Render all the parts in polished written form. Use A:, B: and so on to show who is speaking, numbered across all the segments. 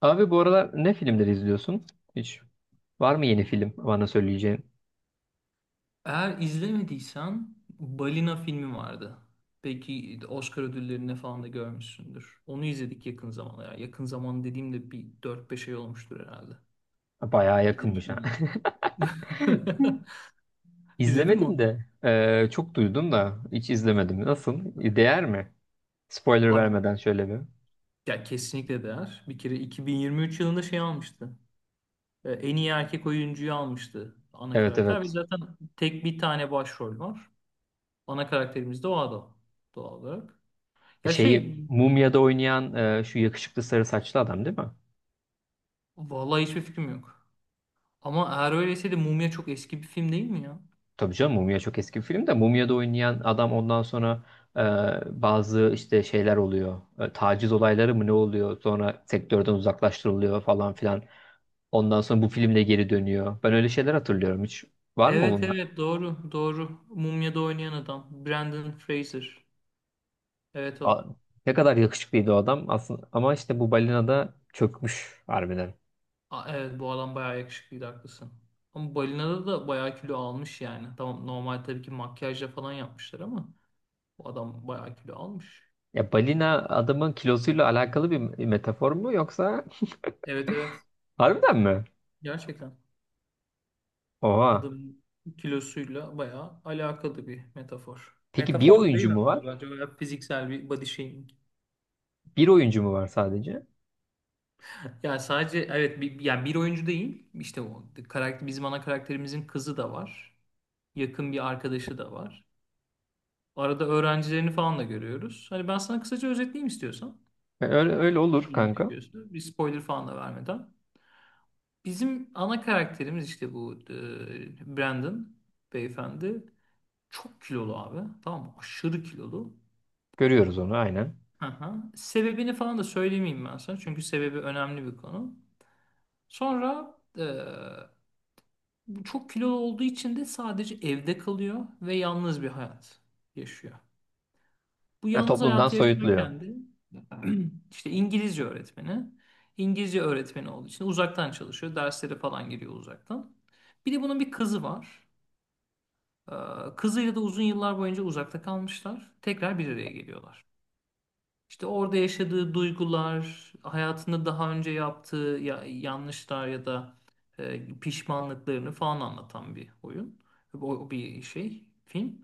A: Abi bu aralar ne filmleri izliyorsun? Hiç var mı yeni film bana söyleyeceğin?
B: Eğer izlemediysen Balina filmi vardı. Belki Oscar ödüllerine falan da görmüşsündür. Onu izledik yakın zamanda. Ya, yakın zaman dediğimde bir dört beş ay olmuştur herhalde.
A: Bayağı
B: İzlemiş
A: yakınmış ha.
B: miydin? İzledin mi
A: İzlemedim
B: onu?
A: de çok duydum da hiç izlemedim. Nasıl? Değer mi? Spoiler
B: Abi
A: vermeden şöyle bir.
B: ya kesinlikle değer. Bir kere 2023 yılında şey almıştı. En iyi erkek oyuncuyu almıştı ana
A: Evet
B: karakter ve
A: evet.
B: zaten tek bir tane başrol var. Ana karakterimiz de o adam doğal olarak. Ya şey,
A: Şeyi Mumya'da oynayan şu yakışıklı sarı saçlı adam değil mi?
B: vallahi hiçbir fikrim yok. Ama eğer öyleyse de Mumya çok eski bir film değil mi ya?
A: Tabii canım, Mumya çok eski bir film de Mumya'da oynayan adam ondan sonra bazı işte şeyler oluyor. E, taciz olayları mı ne oluyor? Sonra sektörden uzaklaştırılıyor falan filan. Ondan sonra bu filmle geri dönüyor. Ben öyle şeyler hatırlıyorum. Hiç var mı
B: Evet
A: bunlar?
B: evet, doğru doğru. Mumya'da oynayan adam. Brandon Fraser. Evet
A: A-
B: o.
A: Ne kadar yakışıklıydı o adam aslında, ama işte bu balina da çökmüş harbiden.
B: A- evet, bu adam bayağı yakışıklıydı, haklısın. Ama Balina'da da bayağı kilo almış yani. Tamam, normal tabii ki makyajla falan yapmışlar ama bu adam bayağı kilo almış.
A: Ya balina adamın kilosuyla alakalı bir metafor mu, yoksa
B: Evet evet.
A: harbiden mi?
B: Gerçekten.
A: Oha.
B: Adamın kilosuyla bayağı alakalı bir metafor.
A: Peki bir
B: Metafor da değil
A: oyuncu mu
B: hatta,
A: var?
B: bence bayağı fiziksel bir body shaming.
A: Bir oyuncu mu var sadece?
B: Yani sadece evet bir oyuncu değil. İşte o karakter, bizim ana karakterimizin kızı da var. Yakın bir arkadaşı da var. Arada öğrencilerini falan da görüyoruz. Hani ben sana kısaca özetleyeyim istiyorsan.
A: Öyle, öyle olur
B: İlgini
A: kanka.
B: çekiyorsa. Bir spoiler falan da vermeden. Bizim ana karakterimiz işte bu Brandon beyefendi. Çok kilolu abi. Tamam mı? Aşırı kilolu.
A: Görüyoruz onu aynen.
B: Hı hı. Sebebini falan da söylemeyeyim ben sana. Çünkü sebebi önemli bir konu. Sonra, çok kilolu olduğu için de sadece evde kalıyor ve yalnız bir hayat yaşıyor. Bu
A: E,
B: yalnız
A: toplumdan
B: hayatı
A: soyutluyor.
B: yaşarken de işte İngilizce öğretmeni. İngilizce öğretmeni olduğu için uzaktan çalışıyor. Derslere falan giriyor uzaktan. Bir de bunun bir kızı var. Ee, Kızıyla da uzun yıllar boyunca uzakta kalmışlar. Tekrar bir araya geliyorlar. İşte orada yaşadığı duygular, hayatında daha önce yaptığı yanlışlar ya da pişmanlıklarını falan anlatan bir oyun. O, bir şey, film.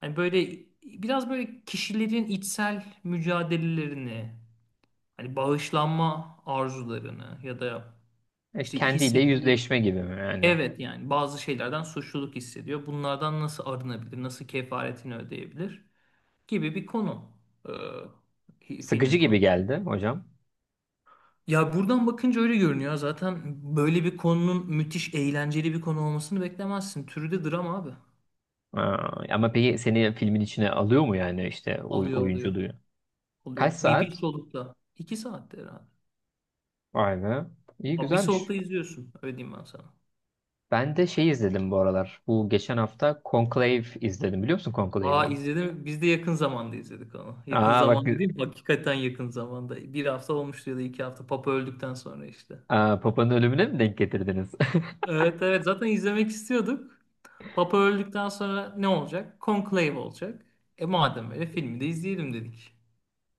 B: Hani böyle biraz böyle kişilerin içsel mücadelelerini, hani bağışlanma arzularını ya da
A: E,
B: işte
A: kendiyle
B: hissettiği,
A: yüzleşme gibi mi yani?
B: evet yani bazı şeylerden suçluluk hissediyor. Bunlardan nasıl arınabilir, nasıl kefaretini ödeyebilir gibi bir konu, e,
A: Sıkıcı
B: filmin
A: gibi
B: konusu.
A: geldi hocam.
B: Ya buradan bakınca öyle görünüyor. Zaten böyle bir konunun müthiş eğlenceli bir konu olmasını beklemezsin. Türü de drama abi.
A: Aa, ama peki seni filmin içine alıyor mu, yani işte
B: Alıyor alıyor.
A: oyunculuğu? Kaç
B: Oluyor. Bir
A: saat?
B: solukta. İki saatte herhalde.
A: Vay be. İyi
B: Abi bir
A: güzelmiş.
B: solukta izliyorsun. Öyle diyeyim ben sana.
A: Ben de şey izledim bu aralar. Bu geçen hafta Conclave izledim. Biliyor musun Conclave'i?
B: Aa, izledim. Biz de yakın zamanda izledik onu. Yakın
A: Aa bak.
B: zaman dediğim hakikaten yakın zamanda. Bir hafta olmuştu ya da iki hafta. Papa öldükten sonra işte.
A: Aa, Papa'nın ölümüne mi denk getirdiniz?
B: Evet evet, zaten izlemek istiyorduk. Papa öldükten sonra ne olacak? Conclave olacak. E madem öyle, filmi de izleyelim dedik.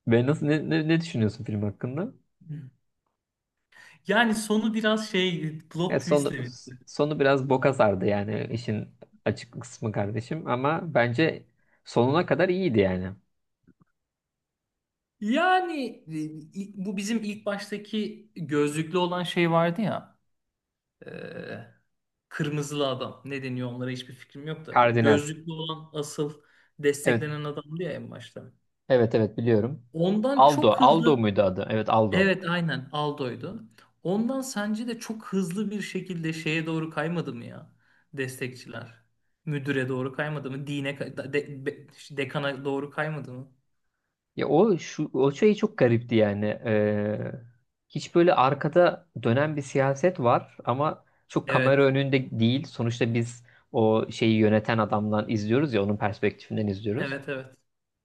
A: Ben nasıl ne düşünüyorsun film hakkında?
B: Hı. Yani sonu biraz şey
A: Ya
B: plot twist'le
A: sonu
B: bitti.
A: sonu biraz boka sardı yani, işin açık kısmı kardeşim, ama bence sonuna kadar iyiydi yani.
B: Yani, bu bizim ilk baştaki gözlüklü olan şey vardı ya. e, Kırmızılı adam. Ne deniyor onlara hiçbir fikrim yok da. Bu
A: Kardinal.
B: gözlüklü olan asıl
A: Evet.
B: desteklenen adamdı ya en başta.
A: Evet evet biliyorum.
B: Ondan
A: Aldo.
B: çok
A: Aldo
B: hızlı,
A: muydu adı? Evet Aldo.
B: evet aynen Aldo'ydu. Ondan sence de çok hızlı bir şekilde şeye doğru kaymadı mı ya destekçiler? Müdüre doğru kaymadı mı? Dine kay- de- be- Dekana doğru kaymadı mı?
A: Ya o şu o şey çok garipti yani. Hiç böyle arkada dönen bir siyaset var ama çok kamera
B: Evet.
A: önünde değil. Sonuçta biz o şeyi yöneten adamdan izliyoruz ya, onun perspektifinden izliyoruz.
B: Evet evet.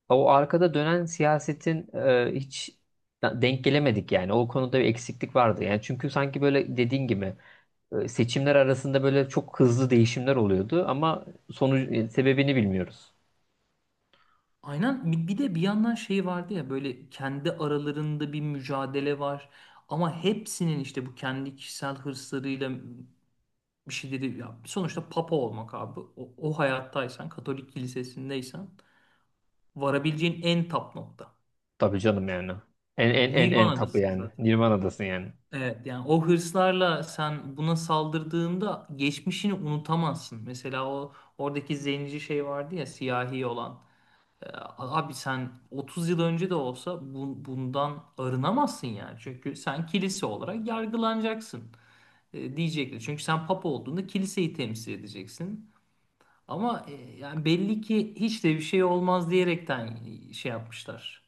A: O arkada dönen siyasetin hiç denk gelemedik yani. O konuda bir eksiklik vardı. Yani çünkü sanki böyle dediğin gibi seçimler arasında böyle çok hızlı değişimler oluyordu ama sonucu sebebini bilmiyoruz.
B: Aynen. Bir de bir yandan şey vardı ya, böyle kendi aralarında bir mücadele var ama hepsinin işte bu kendi kişisel hırslarıyla bir şeyleri, ya sonuçta papa olmak abi, o hayattaysan Katolik kilisesindeysen varabileceğin en tap nokta.
A: Tabii canım yani. En en
B: Yani
A: en en tapı
B: Nirvana'dasın
A: yani.
B: zaten.
A: Nirvana'dasın yani.
B: Evet yani o hırslarla sen buna saldırdığında geçmişini unutamazsın. Mesela o oradaki zenci şey vardı ya, siyahi olan. E, Abi sen 30 yıl önce de olsa bundan arınamazsın yani. Çünkü sen kilise olarak yargılanacaksın, diyecekler. Çünkü sen papa olduğunda kiliseyi temsil edeceksin. Ama yani belli ki hiç de bir şey olmaz diyerekten şey yapmışlar.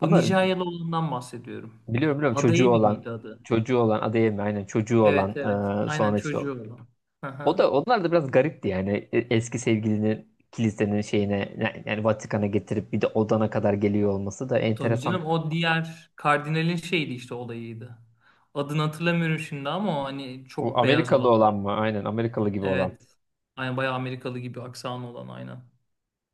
B: Bu
A: Ama
B: Nijeryalı olandan bahsediyorum.
A: biliyorum çocuğu
B: Adayı
A: olan,
B: mıydı adı?
A: çocuğu olan Adeyemi, aynen çocuğu olan.
B: Evet evet.
A: e,
B: Aynen
A: sonra işte
B: çocuğu olan. Hı
A: o
B: hı.
A: da, onlar da biraz garipti yani. Eski sevgilini kilisenin şeyine, yani Vatikan'a getirip bir de odana kadar geliyor olması da
B: Tabii
A: enteresan.
B: canım, o diğer kardinalin şeydi işte, olayıydı. Adını hatırlamıyorum şimdi ama o hani
A: O
B: çok beyaz
A: Amerikalı
B: olan.
A: olan mı? Aynen Amerikalı gibi olan.
B: Evet. Aynen bayağı Amerikalı gibi aksanı olan, aynen.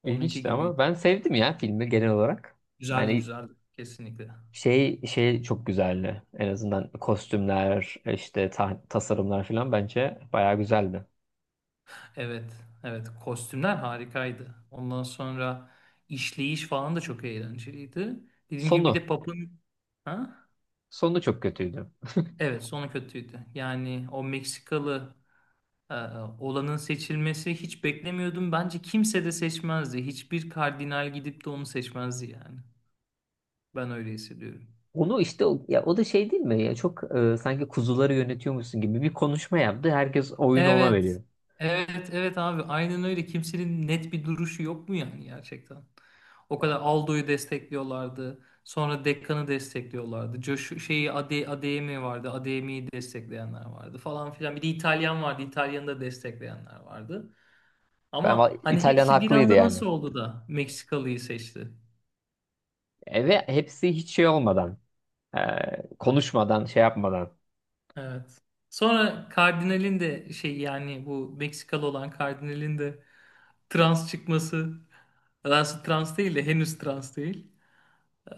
B: Onunki
A: İlginçti ama
B: gibiydi.
A: ben sevdim ya filmi genel olarak.
B: Güzeldi
A: Yani
B: güzeldi. Kesinlikle.
A: şey çok güzeldi. En azından kostümler, işte tasarımlar falan bence bayağı güzeldi.
B: Evet. Evet. Kostümler harikaydı. Ondan sonra işleyiş falan da çok eğlenceliydi. Dediğim gibi, bir de
A: Sonu
B: Pap'ın, ha?
A: sonu çok kötüydü.
B: Evet, sonu kötüydü. Yani o Meksikalı e, olanın seçilmesi, hiç beklemiyordum. Bence kimse de seçmezdi. Hiçbir kardinal gidip de onu seçmezdi yani. Ben öyle hissediyorum.
A: Onu işte ya o da şey değil mi? Ya çok sanki kuzuları yönetiyormuşsun gibi bir konuşma yaptı. Herkes oyunu ona
B: Evet.
A: veriyor.
B: Evet, evet abi. Aynen öyle. Kimsenin net bir duruşu yok mu yani gerçekten? O kadar Aldo'yu destekliyorlardı. Sonra Dekkan'ı destekliyorlardı. Josh şeyi Adeyemi vardı. Adeyemi'yi destekleyenler vardı falan filan. Bir de İtalyan vardı. İtalyan'ı da destekleyenler vardı.
A: Ben
B: Ama hani
A: İtalyan
B: hepsi bir
A: haklıydı
B: anda
A: yani.
B: nasıl oldu da Meksikalıyı seçti?
A: E, ve hepsi hiç şey olmadan, e, konuşmadan, şey yapmadan.
B: Evet. Sonra kardinalin de şey, yani bu Meksikalı olan kardinalin de trans çıkması. Daha trans değil de, henüz trans değil. Ee,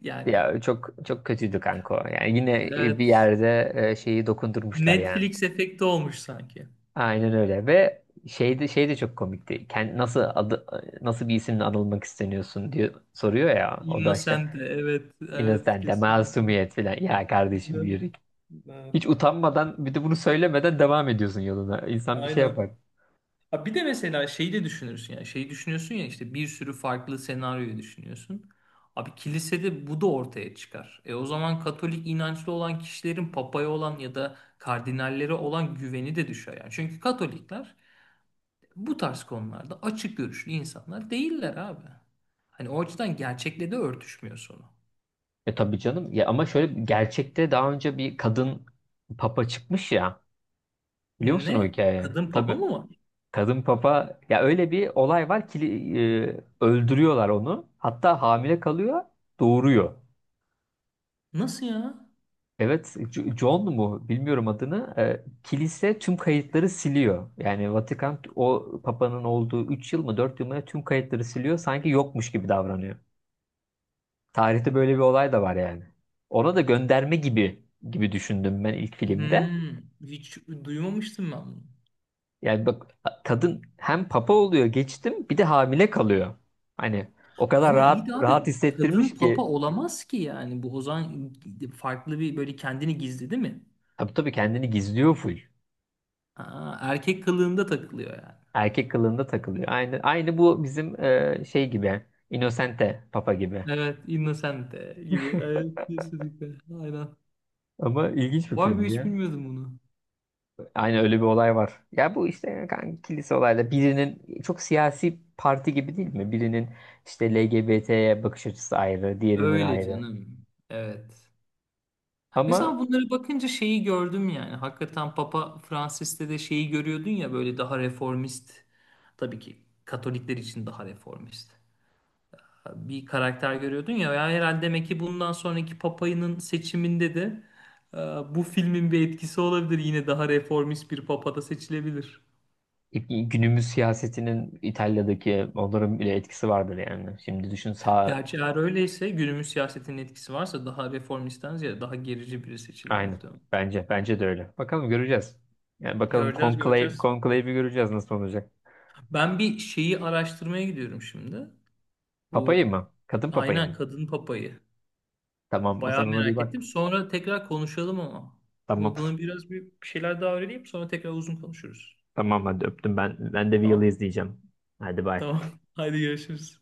B: Yani
A: Ya çok çok kötüydü kanka. O. Yani yine bir
B: evet,
A: yerde şeyi dokundurmuşlar yani.
B: Netflix efekti olmuş sanki.
A: Aynen öyle, ve şey de çok komikti. Nasıl adı, nasıl bir isimle anılmak isteniyorsun diye soruyor ya. O da işte
B: Innocent de, evet evet,
A: Innocent,
B: kesinlikle.
A: masumiyet falan. Ya kardeşim
B: Evet.
A: yürü.
B: Evet.
A: Hiç utanmadan bir de bunu söylemeden devam ediyorsun yoluna. İnsan bir şey
B: Aynen.
A: yapar.
B: Ha bir de mesela şeyi de düşünürsün yani, şeyi düşünüyorsun ya, işte bir sürü farklı senaryoyu düşünüyorsun. Abi kilisede bu da ortaya çıkar. E o zaman Katolik inançlı olan kişilerin papaya olan ya da kardinallere olan güveni de düşer yani. Çünkü Katolikler bu tarz konularda açık görüşlü insanlar değiller abi. Hani o açıdan gerçekle de örtüşmüyor sonu.
A: E tabii canım. Ya ama şöyle, gerçekte daha önce bir kadın papa çıkmış ya. Biliyor musun o
B: Ne?
A: hikayeyi?
B: Kadın papa
A: Tabii.
B: mı var?
A: Kadın papa, ya öyle bir olay var ki öldürüyorlar onu. Hatta hamile kalıyor, doğuruyor.
B: Nasıl ya?
A: Evet, John mu bilmiyorum adını. E, kilise tüm kayıtları siliyor. Yani Vatikan o papanın olduğu 3 yıl mı, 4 yıl mı ne tüm kayıtları siliyor. Sanki yokmuş gibi davranıyor. Tarihte böyle bir olay da var yani. Ona da gönderme gibi düşündüm ben ilk filmde.
B: Hmm, hiç duymamıştım ben bunu.
A: Yani bak, kadın hem papa oluyor, geçtim bir de hamile kalıyor. Hani o kadar
B: Ama iyi
A: rahat
B: de
A: rahat
B: abi kadın
A: hissettirmiş
B: papa
A: ki,
B: olamaz ki, yani bu o zaman farklı bir, böyle kendini gizledi mi?
A: tabii tabii kendini gizliyor full.
B: Ha, erkek kılığında takılıyor yani.
A: Erkek kılığında takılıyor. Aynı bu bizim şey gibi, Innocente Papa gibi.
B: Evet, Innocente gibi. Evet, kesinlikle. Aynen.
A: Ama ilginç bir
B: Var mı,
A: filmdi
B: hiç
A: ya.
B: bilmiyordum bunu.
A: Aynı öyle bir olay var. Ya bu işte kanka, kilise olayla birinin çok siyasi parti gibi değil mi? Birinin işte LGBT'ye bakış açısı ayrı, diğerinin
B: Öyle
A: ayrı.
B: canım. Evet.
A: Ama
B: Mesela bunları bakınca şeyi gördüm yani. Hakikaten Papa Francis'te de şeyi görüyordun ya, böyle daha reformist. Tabii ki Katolikler için daha reformist bir karakter görüyordun ya. Ya herhalde demek ki bundan sonraki Papa'nın seçiminde de e, bu filmin bir etkisi olabilir. Yine daha reformist bir Papa da seçilebilir.
A: günümüz siyasetinin İtalya'daki onların bile etkisi vardır yani. Şimdi düşün, sağ
B: Gerçi eğer öyleyse, günümüz siyasetinin etkisi varsa, daha reformistten ziyade daha gerici biri seçilir
A: aynı.
B: muhtemelen.
A: Bence de öyle. Bakalım göreceğiz. Yani bakalım
B: Göreceğiz, göreceğiz.
A: konklave'i göreceğiz nasıl olacak.
B: Ben bir şeyi araştırmaya gidiyorum şimdi.
A: Papayı
B: Bu,
A: mı? Kadın papayı
B: aynen,
A: mı?
B: kadın papayı.
A: Tamam, o
B: Bayağı
A: sen ona bir
B: merak ettim.
A: bak.
B: Sonra tekrar konuşalım ama.
A: Tamam.
B: Bunu biraz bir şeyler daha öğreneyim. Sonra tekrar uzun konuşuruz.
A: Tamam hadi öptüm ben. Ben de Wheel'i
B: Tamam.
A: izleyeceğim. Hadi bay.
B: Tamam. Haydi görüşürüz.